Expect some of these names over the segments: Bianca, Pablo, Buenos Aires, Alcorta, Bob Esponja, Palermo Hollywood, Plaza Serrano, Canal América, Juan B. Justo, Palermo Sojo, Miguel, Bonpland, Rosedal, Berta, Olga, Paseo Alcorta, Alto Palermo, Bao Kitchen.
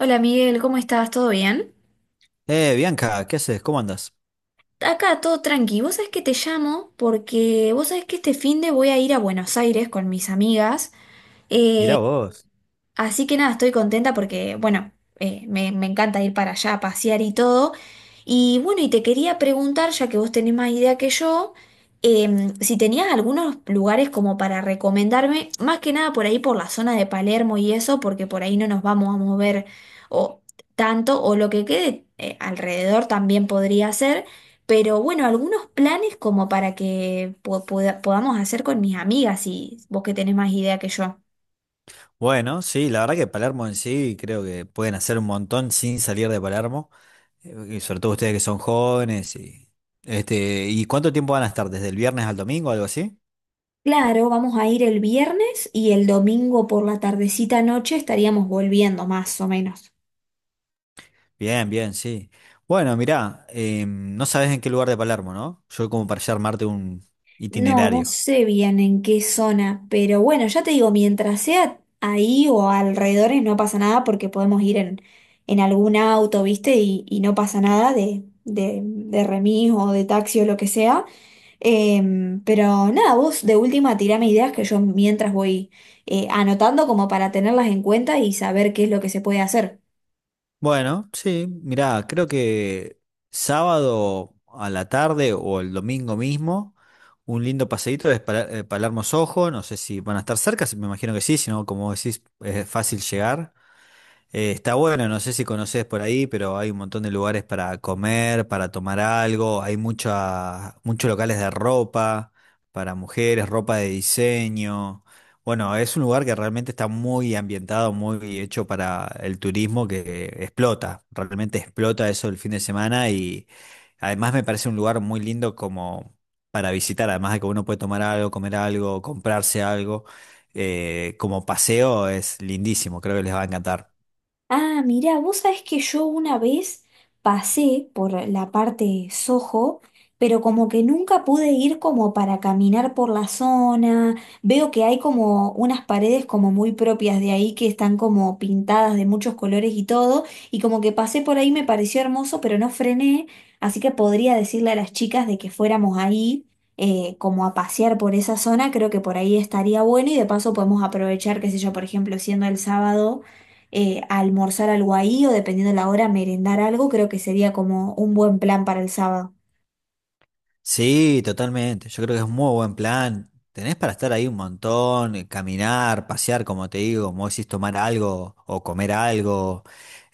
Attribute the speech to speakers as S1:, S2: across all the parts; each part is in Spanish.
S1: Hola Miguel, ¿cómo estás? ¿Todo bien?
S2: Bianca, ¿qué haces? ¿Cómo andas?
S1: Acá todo tranqui. Vos sabés que te llamo porque vos sabés que este fin de voy a ir a Buenos Aires con mis amigas. Eh,
S2: Mirá vos.
S1: Así que nada, estoy contenta porque, bueno, me encanta ir para allá a pasear y todo. Y bueno, y te quería preguntar, ya que vos tenés más idea que yo, si tenías algunos lugares como para recomendarme, más que nada por ahí por la zona de Palermo y eso, porque por ahí no nos vamos a mover o tanto, o lo que quede alrededor también podría ser. Pero bueno, algunos planes como para que podamos hacer con mis amigas, si vos que tenés más idea que yo.
S2: Bueno, sí, la verdad que Palermo en sí creo que pueden hacer un montón sin salir de Palermo, y sobre todo ustedes que son jóvenes ¿y cuánto tiempo van a estar? ¿Desde el viernes al domingo, algo así?
S1: Claro, vamos a ir el viernes y el domingo por la tardecita noche estaríamos volviendo más o menos.
S2: Bien, bien, sí. Bueno, mirá, no sabes en qué lugar de Palermo, ¿no? Yo como para ya armarte un
S1: No, no
S2: itinerario.
S1: sé bien en qué zona, pero bueno, ya te digo, mientras sea ahí o alrededores no pasa nada porque podemos ir en algún auto, ¿viste? Y no pasa nada de remis o de taxi o lo que sea. Pero nada, vos de última tirame ideas que yo mientras voy anotando como para tenerlas en cuenta y saber qué es lo que se puede hacer.
S2: Bueno, sí, mirá, creo que sábado a la tarde o el domingo mismo, un lindo paseíto es Palermo Sojo, no sé si van a estar cerca, me imagino que sí, si no, como decís, es fácil llegar. Está bueno, no sé si conoces por ahí, pero hay un montón de lugares para comer, para tomar algo, hay muchos locales de ropa para mujeres, ropa de diseño. Bueno, es un lugar que realmente está muy ambientado, muy hecho para el turismo que explota, realmente explota eso el fin de semana y además me parece un lugar muy lindo como para visitar, además de que uno puede tomar algo, comer algo, comprarse algo, como paseo es lindísimo, creo que les va a encantar.
S1: Ah, mirá, vos sabés que yo una vez pasé por la parte Soho, pero como que nunca pude ir como para caminar por la zona. Veo que hay como unas paredes como muy propias de ahí que están como pintadas de muchos colores y todo, y como que pasé por ahí me pareció hermoso, pero no frené, así que podría decirle a las chicas de que fuéramos ahí. Como a pasear por esa zona, creo que por ahí estaría bueno y de paso podemos aprovechar, qué sé yo, por ejemplo, siendo el sábado, almorzar algo ahí o dependiendo la hora, merendar algo, creo que sería como un buen plan para el sábado.
S2: Sí, totalmente. Yo creo que es un muy buen plan. Tenés para estar ahí un montón, caminar, pasear, como te digo, como decís, tomar algo o comer algo.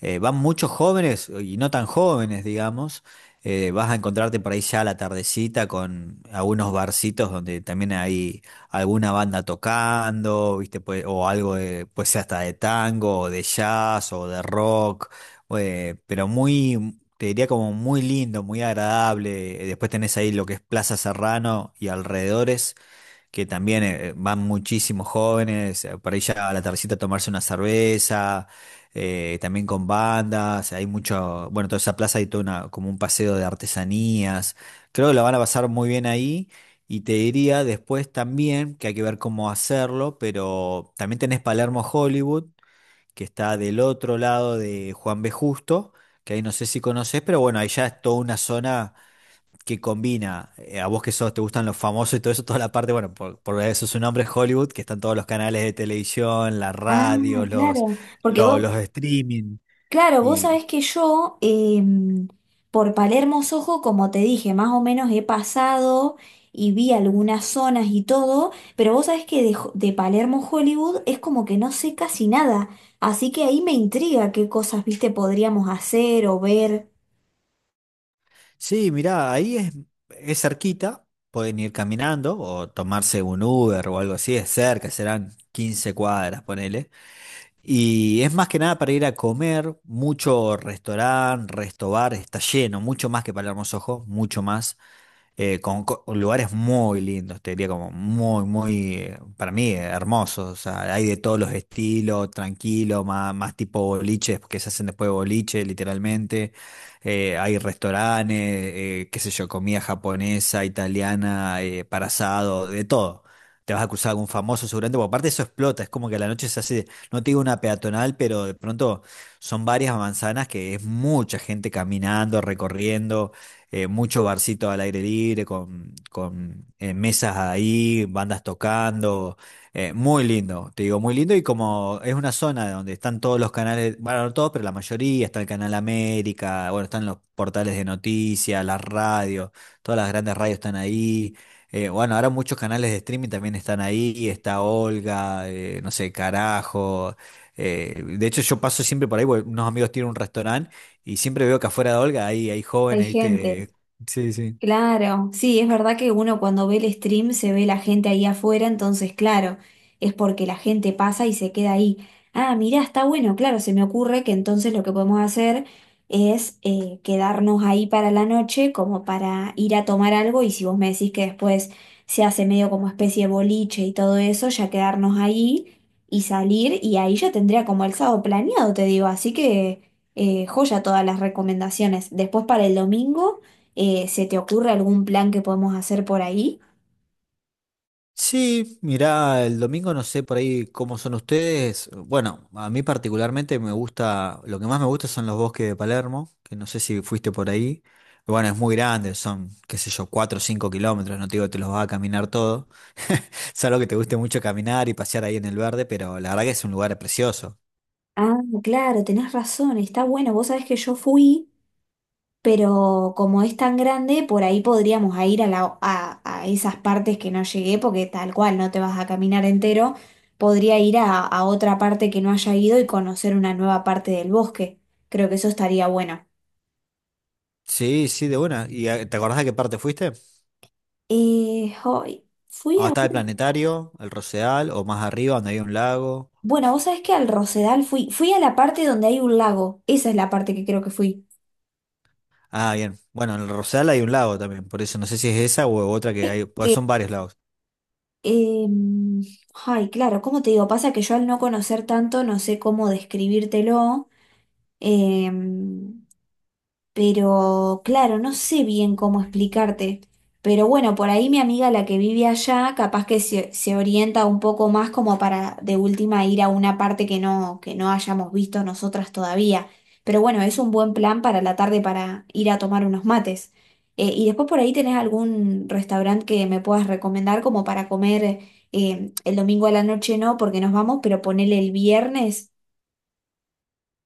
S2: Van muchos jóvenes y no tan jóvenes, digamos. Vas a encontrarte por ahí ya a la tardecita con algunos barcitos donde también hay alguna banda tocando, ¿viste? O algo de, pues hasta de tango, o de jazz, o de rock. Pero te diría como muy lindo, muy agradable. Después tenés ahí lo que es Plaza Serrano y alrededores, que también van muchísimos jóvenes, por ahí ya a la tardecita a tomarse una cerveza, también con bandas, hay mucho, bueno, toda esa plaza hay todo una, como un paseo de artesanías. Creo que lo van a pasar muy bien ahí. Y te diría después también que hay que ver cómo hacerlo, pero también tenés Palermo Hollywood que está del otro lado de Juan B. Justo, que ahí no sé si conoces, pero bueno, ahí ya es toda una zona que combina, a vos que sos, te gustan los famosos y todo eso, toda la parte, bueno, por eso su nombre es Hollywood, que están todos los canales de televisión, la
S1: Ah,
S2: radio, los,
S1: claro, porque
S2: lo-
S1: vos,
S2: los, streaming.
S1: claro, vos
S2: Y,
S1: sabés que yo por Palermo Sojo, como te dije, más o menos he pasado y vi algunas zonas y todo, pero vos sabés que de Palermo Hollywood es como que no sé casi nada, así que ahí me intriga qué cosas, viste, podríamos hacer o ver.
S2: Sí, mirá, ahí es cerquita, pueden ir caminando o tomarse un Uber o algo así, es cerca, serán 15 cuadras, ponele. Y es más que nada para ir a comer, mucho restaurante, restobar, está lleno, mucho más que Palermo Sojo, mucho más lugares muy lindos, te diría como muy, muy, para mí, hermosos. O sea, hay de todos los estilos, tranquilo, más tipo boliches, que se hacen después de boliche, literalmente. Hay restaurantes, qué sé yo, comida japonesa, italiana, para asado, de todo. Te vas a cruzar algún famoso seguramente, porque aparte eso explota, es como que a la noche se hace, no te digo una peatonal, pero de pronto son varias manzanas que es mucha gente caminando, recorriendo mucho barcito al aire libre, con, mesas ahí, bandas tocando, muy lindo, te digo, muy lindo y como es una zona donde están todos los canales, bueno, no todos, pero la mayoría, está el Canal América, bueno, están los portales de noticias, las radios, todas las grandes radios están ahí. Bueno, ahora muchos canales de streaming también están ahí, y está Olga, no sé, Carajo. De hecho, yo paso siempre por ahí, porque unos amigos tienen un restaurante y siempre veo que afuera de Olga hay
S1: Hay
S2: jóvenes,
S1: gente.
S2: ¿viste? Sí, sí.
S1: Claro, sí, es verdad que uno cuando ve el stream se ve la gente ahí afuera, entonces claro, es porque la gente pasa y se queda ahí. Ah, mirá, está bueno, claro, se me ocurre que entonces lo que podemos hacer es quedarnos ahí para la noche como para ir a tomar algo y si vos me decís que después se hace medio como especie de boliche y todo eso, ya quedarnos ahí y salir y ahí ya tendría como el sábado planeado, te digo, así que joya todas las recomendaciones. Después para el domingo. ¿Se te ocurre algún plan que podemos hacer por ahí?
S2: Sí, mirá, el domingo no sé por ahí cómo son ustedes. Bueno, a mí particularmente me gusta, lo que más me gusta son los bosques de Palermo, que no sé si fuiste por ahí. Bueno, es muy grande, son, qué sé yo, cuatro o 5 kilómetros, no te digo que te los vas a caminar todo. Salvo que te guste mucho caminar y pasear ahí en el verde, pero la verdad que es un lugar precioso.
S1: Ah, claro, tenés razón, está bueno. Vos sabés que yo fui, pero como es tan grande, por ahí podríamos a ir a esas partes que no llegué, porque tal cual no te vas a caminar entero. Podría ir a otra parte que no haya ido y conocer una nueva parte del bosque. Creo que eso estaría bueno.
S2: Sí, sí, de buena. ¿Y te acordás de qué parte fuiste?
S1: Hoy fui
S2: ¿Dónde
S1: a...
S2: estaba el planetario, el Rosedal o más arriba, donde había un lago?
S1: Bueno, vos sabés que al Rosedal fui, fui a la parte donde hay un lago. Esa es la parte que creo que fui.
S2: Ah, bien. Bueno, en el Rosal hay un lago también, por eso no sé si es esa o otra que hay, pues son varios lagos.
S1: Em, Ay, claro, ¿cómo te digo? Pasa que yo al no conocer tanto no sé cómo describírtelo. Eh, pero claro, no sé bien cómo explicarte. Pero bueno, por ahí mi amiga, la que vive allá, capaz que se orienta un poco más como para de última ir a una parte que no hayamos visto nosotras todavía. Pero bueno, es un buen plan para la tarde para ir a tomar unos mates. Y después por ahí tenés algún restaurante que me puedas recomendar como para comer el domingo a la noche, no, porque nos vamos, pero ponele el viernes.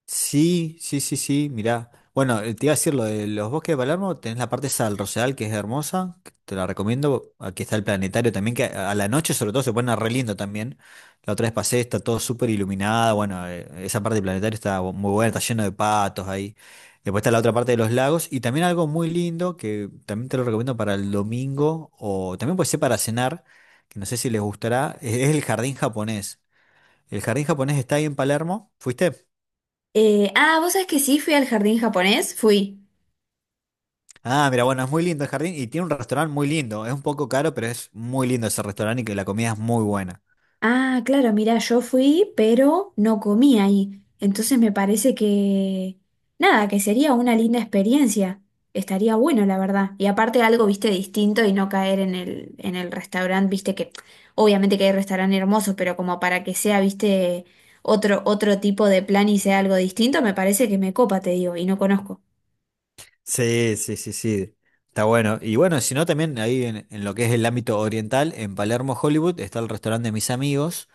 S2: Sí, sí, sí, sí, mirá. Bueno, te iba a decir lo de los bosques de Palermo, tenés la parte sal del Rosedal que es hermosa, que te la recomiendo. Aquí está el planetario también, que a la noche sobre todo se pone re lindo también. La otra vez pasé, está todo súper iluminada, bueno, esa parte del planetario está muy buena, está lleno de patos ahí. Después está la otra parte de los lagos y también algo muy lindo que también te lo recomiendo para el domingo o también puede ser para cenar, que no sé si les gustará, es el jardín japonés. El jardín japonés está ahí en Palermo, ¿fuiste?
S1: Ah, ¿vos sabés que sí? Fui al jardín japonés, fui.
S2: Ah, mira, bueno, es muy lindo el jardín y tiene un restaurante muy lindo. Es un poco caro, pero es muy lindo ese restaurante y que la comida es muy buena.
S1: Ah, claro, mira, yo fui, pero no comí ahí. Entonces me parece que, nada, que sería una linda experiencia. Estaría bueno, la verdad. Y aparte algo, viste, distinto y no caer en el restaurante, viste, que obviamente que hay restaurantes hermosos, pero como para que sea, viste, otro tipo de plan y sea algo distinto, me parece que me copa, te digo, y no conozco.
S2: Sí, sí, sí, sí. Está bueno. Y bueno, si no, también ahí en lo que es el ámbito oriental, en Palermo, Hollywood, está el restaurante de mis amigos,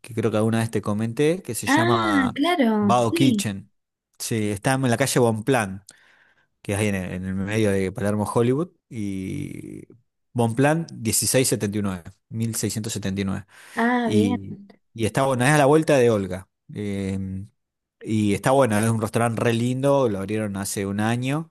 S2: que creo que alguna vez te comenté, que se
S1: Ah,
S2: llama
S1: claro,
S2: Bao
S1: sí.
S2: Kitchen. Sí, está en la calle Bonpland, que es ahí en el medio de Palermo, Hollywood. Y Bonpland 16 70 79 1679.
S1: Ah, bien.
S2: Y, y está bueno, es a la vuelta de Olga. Y está bueno, es un restaurante re lindo, lo abrieron hace un año.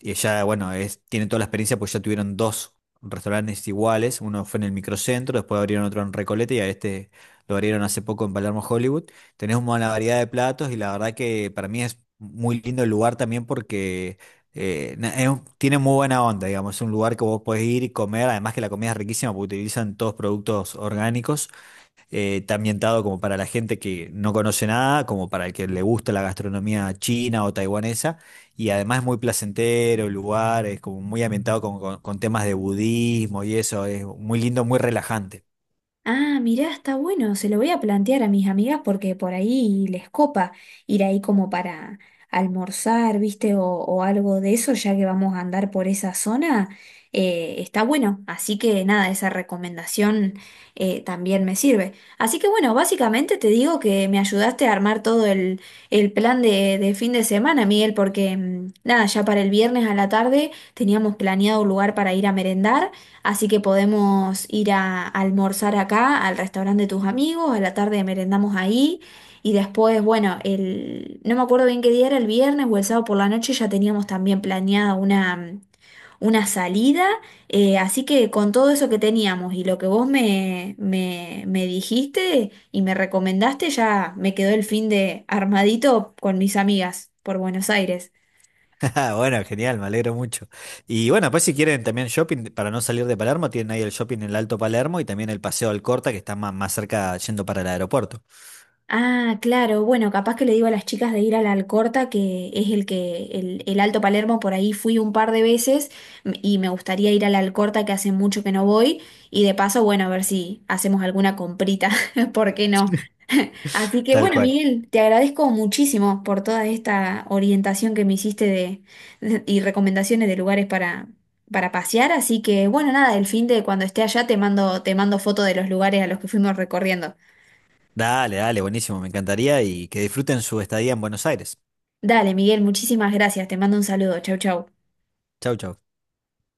S2: Y ya, bueno, tienen toda la experiencia porque ya tuvieron dos restaurantes iguales. Uno fue en el microcentro, después abrieron otro en Recoleta y a este lo abrieron hace poco en Palermo, Hollywood. Tenés una buena variedad de platos y la verdad que para mí es muy lindo el lugar también porque tiene muy buena onda, digamos. Es un lugar que vos podés ir y comer, además que la comida es riquísima porque utilizan todos productos orgánicos. Está ambientado como para la gente que no conoce nada, como para el que le gusta la gastronomía china o taiwanesa. Y además es muy placentero el lugar, es como muy ambientado con, con temas de budismo y eso. Es muy lindo, muy relajante.
S1: Ah, mirá, está bueno, se lo voy a plantear a mis amigas porque por ahí les copa ir ahí como para almorzar, ¿viste? O algo de eso, ya que vamos a andar por esa zona, está bueno. Así que nada, esa recomendación también me sirve. Así que bueno, básicamente te digo que me ayudaste a armar todo el plan de fin de semana, Miguel, porque mm, nada, ya para el viernes a la tarde teníamos planeado un lugar para ir a merendar. Así que podemos ir a almorzar acá, al restaurante de tus amigos, a la tarde merendamos ahí y después, bueno, el, no me acuerdo bien qué día era, el viernes o el sábado por la noche ya teníamos también planeada una salida, así que con todo eso que teníamos y lo que vos me dijiste y me recomendaste, ya me quedó el fin de armadito con mis amigas por Buenos Aires.
S2: Ah, bueno, genial, me alegro mucho. Y bueno, pues si quieren también shopping, para no salir de Palermo, tienen ahí el shopping en el Alto Palermo y también el Paseo Alcorta, que está más cerca yendo para el aeropuerto.
S1: Ah, claro, bueno, capaz que le digo a las chicas de ir a la Alcorta, que es el que, el Alto Palermo, por ahí fui un par de veces y me gustaría ir a la Alcorta, que hace mucho que no voy, y de paso, bueno, a ver si hacemos alguna comprita, ¿por qué no? Así que
S2: Tal
S1: bueno,
S2: cual.
S1: Miguel, te agradezco muchísimo por toda esta orientación que me hiciste de, y recomendaciones de lugares para pasear, así que bueno, nada, el fin de cuando esté allá te mando foto de los lugares a los que fuimos recorriendo.
S2: Dale, dale, buenísimo, me encantaría y que disfruten su estadía en Buenos Aires.
S1: Dale, Miguel, muchísimas gracias. Te mando un saludo. Chau, chau.
S2: Chau, chau.